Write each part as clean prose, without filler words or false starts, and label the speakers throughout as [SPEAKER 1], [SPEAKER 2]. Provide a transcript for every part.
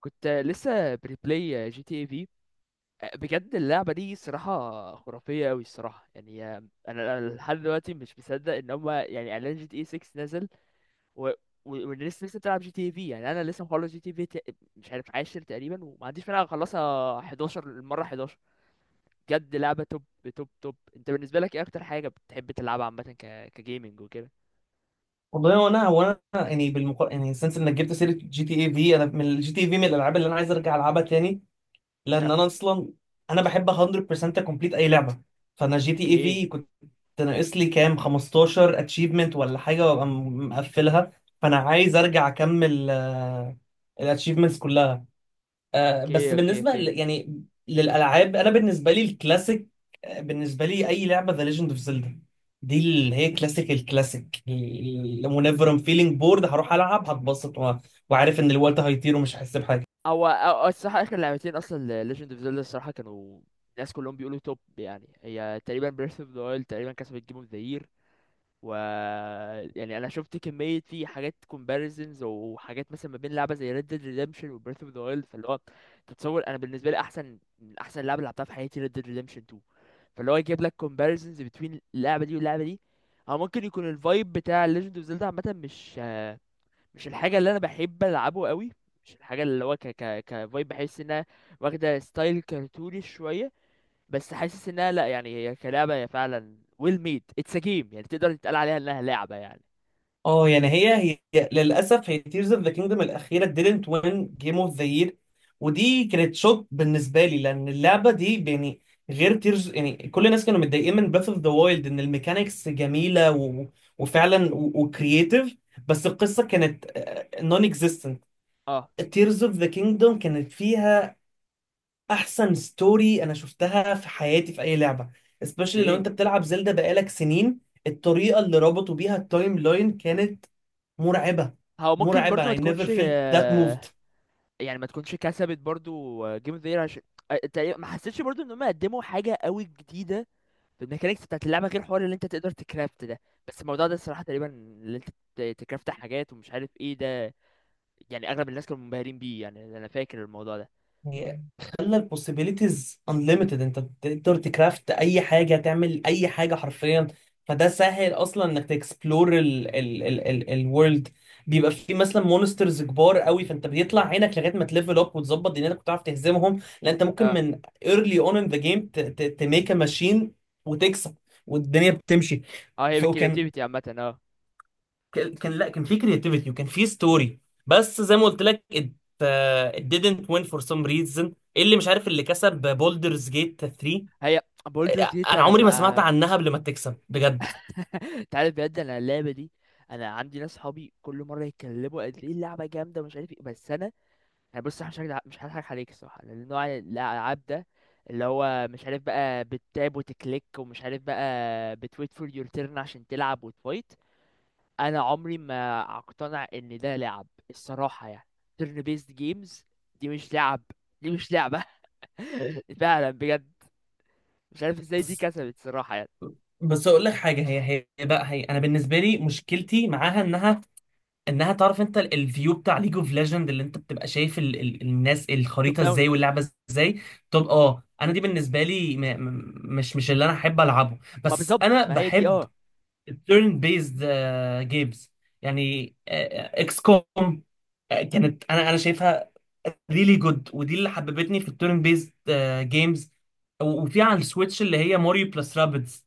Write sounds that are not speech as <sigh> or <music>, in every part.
[SPEAKER 1] كنت لسه بريبلاي جي تي اي في. بجد اللعبة دي صراحة خرافية أوي الصراحة، يعني أنا لحد دلوقتي مش مصدق إن هما يعني إعلان جي تي اي 6 نزل، و... والناس لسه بتلعب جي تي اي في. يعني أنا لسه مخلص جي تي اي في مش عارف عاشر تقريبا، وما عنديش مانع أخلصها 11، المرة 11. بجد لعبة توب توب توب. أنت بالنسبة لك إيه أكتر حاجة بتحب تلعبها عامة كجيمنج وكده؟
[SPEAKER 2] والله وانا يعني يعني سنس انك جبت سيره جي تي اي في. انا من الجي تي اي في من الالعاب اللي انا عايز ارجع العبها تاني، لان
[SPEAKER 1] آه،
[SPEAKER 2] انا اصلا انا بحب 100% كومبليت اي لعبه. فانا جي تي اي
[SPEAKER 1] أوكي
[SPEAKER 2] في كنت ناقص لي كام 15 اتشيفمنت ولا حاجه وابقى مقفلها، فانا عايز ارجع اكمل الاتشيفمنتس كلها. آه، بس
[SPEAKER 1] أوكي أوكي أوكي.
[SPEAKER 2] يعني للالعاب، انا بالنسبه لي الكلاسيك. آه، بالنسبه لي اي لعبه ذا ليجند اوف زيلدا، دي اللي هي كلاسيك الكلاسيك. ونيفر ام فيلينج بورد، هروح العب هتبسط وعارف ان الوقت هيطير ومش هحس بحاجه.
[SPEAKER 1] هو أو الصراحة آخر لعبتين أصلا ل Legend of Zelda الصراحة، كانوا الناس كلهم بيقولوا توب، يعني هي تقريبا Breath of the Wild تقريبا كسبت Game of the Year. و يعني أنا شفت كمية في حاجات comparisons وحاجات، مثلا ما بين لعبة زي Red Dead Redemption و Breath of the Wild، فاللي هو تتصور أنا بالنسبة لي أحسن من أحسن لعبة لعبتها في حياتي Red Dead Redemption 2. فاللي هو يجيب لك comparisons between اللعبة دي واللعبة دي. هو ممكن يكون الفايب بتاع Legend of Zelda عامة مش الحاجه اللي انا بحب العبه قوي، مش الحاجه اللي هو ك ك كفايب، بحس انها واخده ستايل كرتوني شويه. بس حاسس انها، لا يعني هي كلعبه، هي فعلا ويل ميد اتس ا جيم، يعني تقدر تتقال عليها انها لعبه يعني.
[SPEAKER 2] اه يعني هي للاسف هي تيرز اوف ذا كينجدم الاخيره didn't win جيم اوف ذا يير. ودي كانت شوك بالنسبه لي، لان اللعبه دي يعني غير تيرز، يعني كل الناس كانوا متضايقين من بريث اوف ذا وايلد ان الميكانيكس جميله وفعلا وكرييتيف، بس القصه كانت نون اكزيستنت.
[SPEAKER 1] اه،
[SPEAKER 2] تيرز اوف ذا كينجدم كانت فيها احسن ستوري انا شفتها في حياتي في اي لعبه، especially لو
[SPEAKER 1] ايه.
[SPEAKER 2] انت بتلعب زلدا بقالك سنين. الطريقه اللي ربطوا بيها التايم لاين كانت مرعبه.
[SPEAKER 1] هو ممكن
[SPEAKER 2] مرعبه.
[SPEAKER 1] برضو ما
[SPEAKER 2] I never
[SPEAKER 1] تكونش،
[SPEAKER 2] felt that moved.
[SPEAKER 1] يعني ما تكونش كسبت برضو جيم اوف ذا يير، عشان ما حسيتش برضو ان هم قدموا حاجه قوي جديده في الميكانيكس بتاعت اللعبه، غير حوار اللي انت تقدر تكرافت ده. بس الموضوع ده الصراحه تقريبا اللي انت تكرافت حاجات ومش عارف ايه ده، يعني اغلب الناس كانوا منبهرين بيه، يعني انا فاكر الموضوع ده.
[SPEAKER 2] يعني خلى ال possibilities unlimited، انت تقدر تكرافت اي حاجه تعمل اي حاجه حرفيا. فده سهل اصلا انك تكسبلور ال الورلد. بيبقى في مثلا مونسترز كبار قوي فانت بيطلع عينك لغايه ما تليفل اب وتظبط دنيتك وتعرف تهزمهم، لان انت ممكن
[SPEAKER 1] اه
[SPEAKER 2] من early on in the game تميك a machine وتكسب، والدنيا بتمشي.
[SPEAKER 1] اه، هي
[SPEAKER 2] فكان
[SPEAKER 1] بالكرياتيفيتي عامه، اه.
[SPEAKER 2] ك- كان لا كان في كرياتيفيتي وكان في ستوري. بس زي ما قلت لك، it didn't win for some reason. اللي مش عارف اللي كسب بولدرز جيت 3،
[SPEAKER 1] هي بولدر جيت
[SPEAKER 2] انا
[SPEAKER 1] انا
[SPEAKER 2] عمري ما سمعت عنها قبل ما تكسب بجد.
[SPEAKER 1] <laughs> انت عارف بجد انا اللعبه دي، انا عندي ناس صحابي كل مره يتكلموا قد ايه اللعبه جامده ومش عارف ايه بس انا، انا بص. أنا مش هضحك عليك الصراحه، لان نوع الالعاب ده اللي هو مش عارف بقى بتتاب وتكليك، ومش عارف بقى بتويت فور يور تيرن عشان تلعب وتفايت، انا عمري ما اقتنع ان ده لعب الصراحه يعني. تيرن بيست جيمز دي مش لعب، دي مش لعبة. <laughs> فعلا بجد، مش عارف ازاي دي
[SPEAKER 2] بس
[SPEAKER 1] كسبت صراحة يعني.
[SPEAKER 2] بس اقول لك حاجه. هي انا بالنسبه لي مشكلتي معاها انها انها تعرف، انت الفيو بتاع ليج اوف ليجند اللي انت بتبقى شايف ال الناس
[SPEAKER 1] توب
[SPEAKER 2] الخريطه
[SPEAKER 1] داون.
[SPEAKER 2] ازاي واللعبه ازاي. طب اه انا دي بالنسبه لي م م مش مش اللي انا احب العبه.
[SPEAKER 1] ما
[SPEAKER 2] بس
[SPEAKER 1] بالظبط
[SPEAKER 2] انا
[SPEAKER 1] ما هي دي،
[SPEAKER 2] بحب
[SPEAKER 1] اه.
[SPEAKER 2] التيرن بيزد جيمز. يعني اكس كوم كانت، انا شايفها ريلي جود، ودي اللي حببتني في التيرن بيزد جيمز. وفي على السويتش اللي هي ماريو بلس رابيدز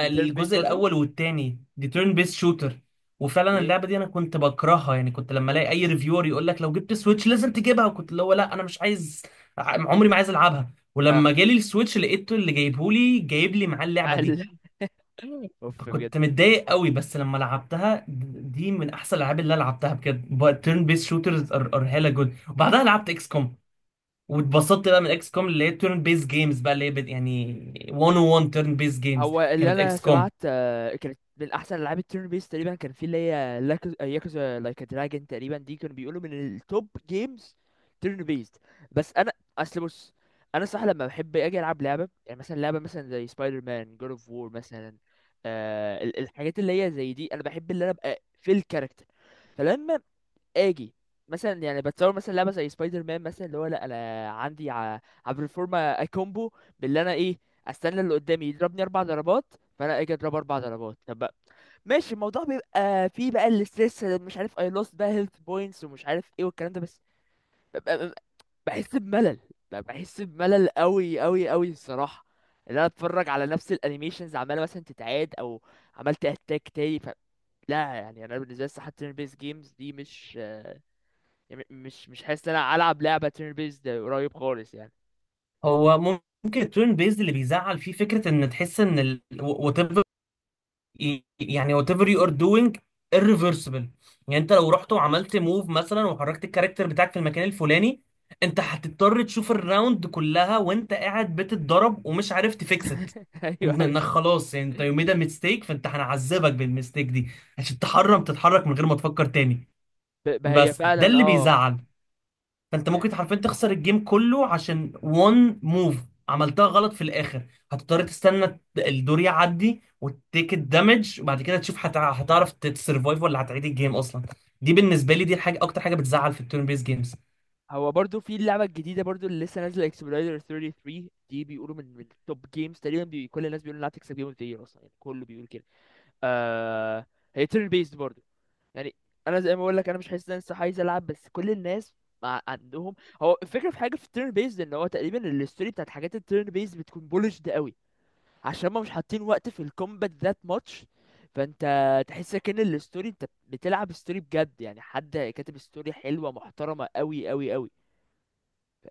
[SPEAKER 1] دي بتيرن بيس برضو.
[SPEAKER 2] الاول والتاني، دي تيرن بيز شوتر. وفعلا
[SPEAKER 1] ايه،
[SPEAKER 2] اللعبه دي انا كنت بكرهها، يعني كنت لما الاقي اي ريفيور يقول لك لو جبت سويتش لازم تجيبها، وكنت اللي هو لا انا مش عايز، عمري ما عايز العبها.
[SPEAKER 1] اه.
[SPEAKER 2] ولما جالي السويتش لقيته اللي جايبهولي جايب لي معاه
[SPEAKER 1] مع
[SPEAKER 2] اللعبه دي.
[SPEAKER 1] ال... <laughs> اوف بجد.
[SPEAKER 2] كنت متضايق قوي، بس لما لعبتها دي من احسن الالعاب اللي أنا لعبتها بجد. تيرن بيس شوترز ار هيلا جود، وبعدها لعبت اكس كوم واتبسطت بقى من اكس كوم اللي هي تيرن بيس جيمز بقى اللي هي يعني 101 تيرن بيس جيمز
[SPEAKER 1] هو اللي
[SPEAKER 2] كانت
[SPEAKER 1] انا
[SPEAKER 2] اكس كوم.
[SPEAKER 1] سمعت، كانت من احسن العاب التيرن بيس تقريبا، كان في اللي هي ياكوزا لايك دراجون تقريبا، دي كانوا بيقولوا من التوب جيمز تيرن بيست. بس انا، اصل بص، انا صح لما بحب اجي العب لعبه، يعني مثلا لعبه مثلا زي سبايدر مان، جود اوف وور مثلا، آه الحاجات اللي هي زي دي انا بحب، اللي انا ابقى في الكاركتر. فلما اجي، مثلا يعني بتصور مثلا لعبه زي سبايدر مان مثلا، اللي هو لا انا عندي عبر الفورمه كومبو باللي انا ايه، استنى اللي قدامي يضربني اربع ضربات، فانا اجي اضربه اربع ضربات. طب بقى ماشي، الموضوع بيبقى فيه بقى الاستريس، مش عارف اي لوست بقى هيلث بوينتس ومش عارف ايه والكلام ده، بس ببقى بحس بملل، ببقى بحس بملل قوي قوي قوي الصراحه. اللي انا اتفرج على نفس الانيميشنز عماله مثلا تتعاد او عملت اتاك تاني ف... لا يعني انا بالنسبه لي الصراحه turn based games دي مش، يعني مش حاسس ان انا العب لعبه تيرن بيست قريب خالص يعني.
[SPEAKER 2] هو ممكن التيرن بيس اللي بيزعل فيه فكره ان تحس ان، يعني whatever you are doing irreversible. يعني انت لو رحت وعملت موف مثلا وحركت الكاركتر بتاعك في المكان الفلاني، انت هتضطر تشوف الراوند كلها وانت قاعد بتتضرب ومش عارف تفيكس ات.
[SPEAKER 1] <laughs> ايوه ايوه.
[SPEAKER 2] انك خلاص يعني انت يو ميد ميستيك، فانت هنعذبك بالميستيك دي عشان تحرم تتحرك من غير ما تفكر تاني.
[SPEAKER 1] ما هي
[SPEAKER 2] بس ده
[SPEAKER 1] فعلا
[SPEAKER 2] اللي
[SPEAKER 1] اه.
[SPEAKER 2] بيزعل. فانت ممكن
[SPEAKER 1] يعني
[SPEAKER 2] حرفيا تخسر الجيم كله عشان وان موف عملتها غلط في الاخر. هتضطر تستنى الدور يعدي وتيك الدمج، وبعد كده تشوف هتعرف تسرفايف ولا هتعيد الجيم اصلا. دي بالنسبه لي دي الحاجه اكتر حاجه بتزعل في التيرن بيس جيمز.
[SPEAKER 1] هو برضو في اللعبه الجديده برضو اللي لسه نازله اكسبلويدر 33 دي بيقولوا من توب جيمز تقريبا، بي... كل الناس بيقولوا انها تكسب جيم اوف ذا يير اصلا، يعني كله بيقول كده. آه... هي تيرن بيست برضو، يعني انا زي ما بقول لك انا مش حاسس ان انا لسه عايز العب، بس كل الناس مع عندهم. هو الفكره في حاجه في التيرن بيست ان هو تقريبا الستوري بتاعت حاجات التيرن بيست بتكون بولشد قوي، عشان ما مش حاطين وقت في الكومبات ذات ماتش، فانت تحس كأن الستوري انت بتلعب ستوري بجد، يعني حد كاتب ستوري حلوه محترمه قوي قوي قوي.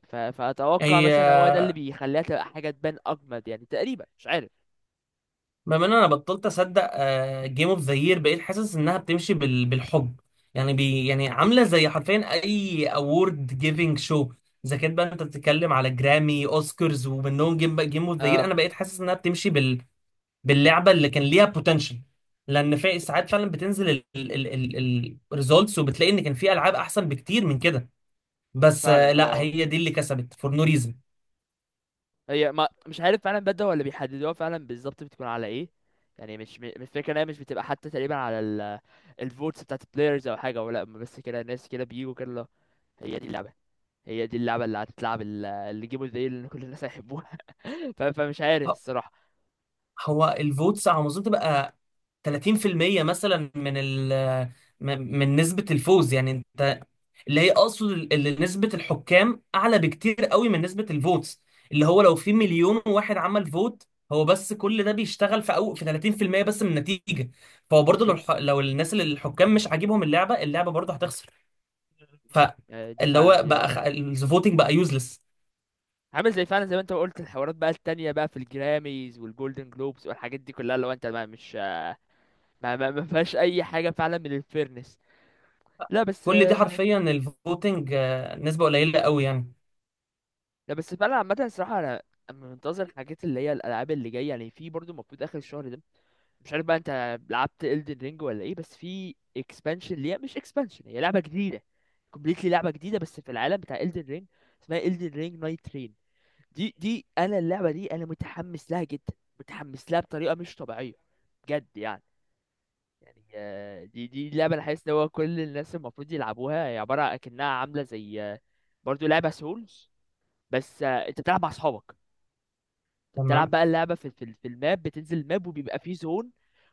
[SPEAKER 1] فاتوقع
[SPEAKER 2] هي
[SPEAKER 1] مثلا هو ده اللي بيخليها تبقى حاجه تبان اجمد يعني، تقريبا مش عارف.
[SPEAKER 2] بما ان انا بطلت اصدق جيم اوف ذا يير، بقيت حاسس انها بتمشي بالحب. يعني بي يعني عامله زي حرفيا اي اوورد جيفنج شو. اذا كانت بقى انت بتتكلم على جرامي اوسكارز ومنهم جيم اوف ذا يير،
[SPEAKER 1] اه
[SPEAKER 2] انا بقيت حاسس انها بتمشي باللعبه اللي كان ليها بوتنشال. لان في ساعات فعلا بتنزل الريزولتس وبتلاقي ان كان في العاب احسن بكتير من كده. بس آه،
[SPEAKER 1] فعلا.
[SPEAKER 2] لا
[SPEAKER 1] اه
[SPEAKER 2] هي دي اللي كسبت فور نو ريزن.
[SPEAKER 1] هي، ما مش عارف فعلا بدأ ولا بيحددوها فعلا بالظبط بتكون على ايه. يعني مش الفكره ان هي مش بتبقى حتى تقريبا على ال الفوتس بتاعت البلايرز او حاجه، ولا بس كده ناس كده بيجوا كده، لا، هي دي اللعبه، هي دي اللعبة اللي هتتلعب اللي جيمه زي اللي كل الناس هيحبوها. <laughs> فمش عارف الصراحة.
[SPEAKER 2] هو الفوتس على ما اظن تبقى 30% مثلا من ال من نسبة الفوز، يعني انت اللي هي اقصد اللي نسبة الحكام اعلى بكتير قوي من نسبة الفوتس. اللي هو لو في مليون واحد عمل فوت، هو بس كل ده بيشتغل في أو في 30% بس من النتيجة. فهو برضه لو
[SPEAKER 1] بالظبط.
[SPEAKER 2] لو الناس اللي الحكام مش عاجبهم اللعبة، اللعبة برضه هتخسر.
[SPEAKER 1] دي
[SPEAKER 2] فاللي
[SPEAKER 1] فعلا
[SPEAKER 2] هو
[SPEAKER 1] دي،
[SPEAKER 2] بقى
[SPEAKER 1] اه،
[SPEAKER 2] الفوتنج بقى يوزلس.
[SPEAKER 1] عامل زي فعلا زي ما انت قلت الحوارات بقى التانية بقى في الجراميز والجولدن جلوبز والحاجات دي كلها، لو انت ما مش ما فيهاش اي حاجة فعلا من الفيرنس. لا بس
[SPEAKER 2] كل دي حرفيا الفوتنج آه، نسبة قليلة قوي يعني.
[SPEAKER 1] لا بس فعلا عامة الصراحة أنا منتظر الحاجات اللي هي الألعاب اللي جاية، يعني في برضو المفروض آخر الشهر ده، مش عارف بقى أنت لعبت Elden Ring ولا إيه، بس في expansion ليها، مش expansion هي لعبة جديدة completely، لعبة جديدة بس في العالم بتاع Elden Ring، اسمها Elden Ring Night Train. دي أنا اللعبة دي أنا متحمس لها جدا، متحمس لها بطريقة مش طبيعية، بجد يعني. يعني دي لعبة أنا حاسس إن هو كل الناس المفروض يلعبوها، هي عبارة أكنها عاملة زي، برضو لعبة سولز، بس انت بتلعب مع اصحابك. انت بتلعب
[SPEAKER 2] تمام،
[SPEAKER 1] بقى اللعبه في في الماب، بتنزل الماب وبيبقى فيه زون،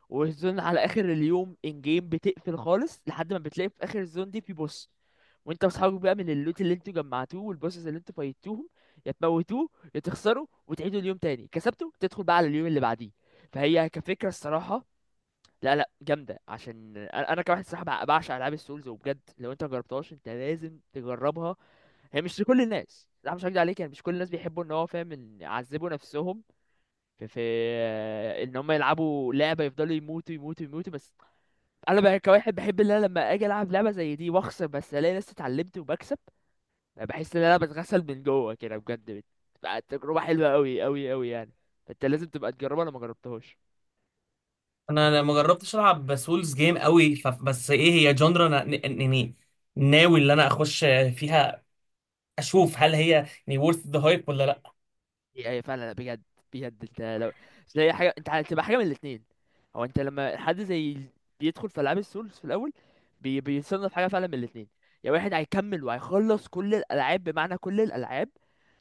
[SPEAKER 1] والزون على اخر اليوم ان جيم بتقفل خالص لحد ما بتلاقي في اخر الزون دي في بوس، وانت واصحابك بقى من اللوت اللي انتوا جمعتوه والبوسز اللي انتوا فايتوهم، يا تموتوه يا تخسروا وتعيدوا اليوم تاني كسبته تدخل بقى على اليوم اللي بعديه. فهي كفكره الصراحه، لا لا جامده عشان انا كواحد صراحه بعشق العاب السولز. وبجد لو انت مجربتهاش انت لازم تجربها. هي مش لكل الناس، لا مش هكدب عليك، يعني مش كل الناس بيحبوا ان هو فاهم ان يعذبوا نفسهم في ان هم يلعبوا لعبه يفضلوا يموتوا يموتوا يموتوا بس. انا بقى كواحد بحب ان انا لما اجي العب لعبه زي دي واخسر بس الاقي نفسي اتعلمت وبكسب، أنا بحس ان انا بتغسل من جوه كده بجد، بتبقى تجربه حلوه قوي قوي قوي يعني. فانت لازم تبقى تجربها لو ما جربتهاش.
[SPEAKER 2] انا ما جربتش العب سولز جيم قوي بس ايه هي جندرا انا ناوي اللي انا اخش فيها، اشوف هل هي يعني worth the hype ولا لا.
[SPEAKER 1] اي اي فعلا بجد. بجد انت لو زي حاجه، انت هتبقى حاجه من الاثنين. هو انت لما حد زي بيدخل في العاب السولز في الاول، بيصنف حاجه فعلا من الاثنين، يا واحد هيكمل وهيخلص كل الالعاب بمعنى كل الالعاب،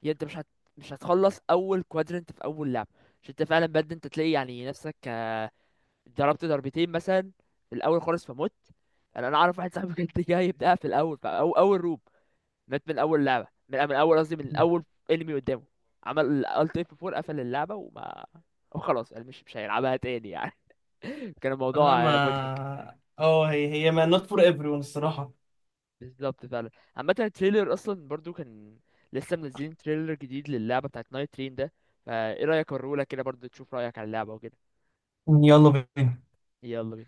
[SPEAKER 1] يا انت مش هتخلص اول كوادرنت في اول لعبه. عشان انت فعلا بجد انت تلاقي يعني نفسك، ضربت ضربتين مثلا في الاول خالص فمت. انا اعرف واحد صاحبي كان <laughs> جاي يبدأها في الاول في اول روب، مات من اول لعبه من اول قصدي من اول انمي قدامه، عمل الت اف 4، قفل اللعبه وخلاص قال مش مش هيلعبها تاني يعني. <laughs> كان
[SPEAKER 2] لا،
[SPEAKER 1] الموضوع
[SPEAKER 2] ما
[SPEAKER 1] مضحك.
[SPEAKER 2] اه هي ما not for everyone الصراحة.
[SPEAKER 1] بالظبط فعلا. عامه التريلر اصلا برضو كان، لسه منزلين تريلر جديد للعبه بتاعت نايت ترين ده، فايه رايك اوريهولك كده برضو تشوف رايك على اللعبه وكده.
[SPEAKER 2] يعني يلا بينا.
[SPEAKER 1] يلا بينا.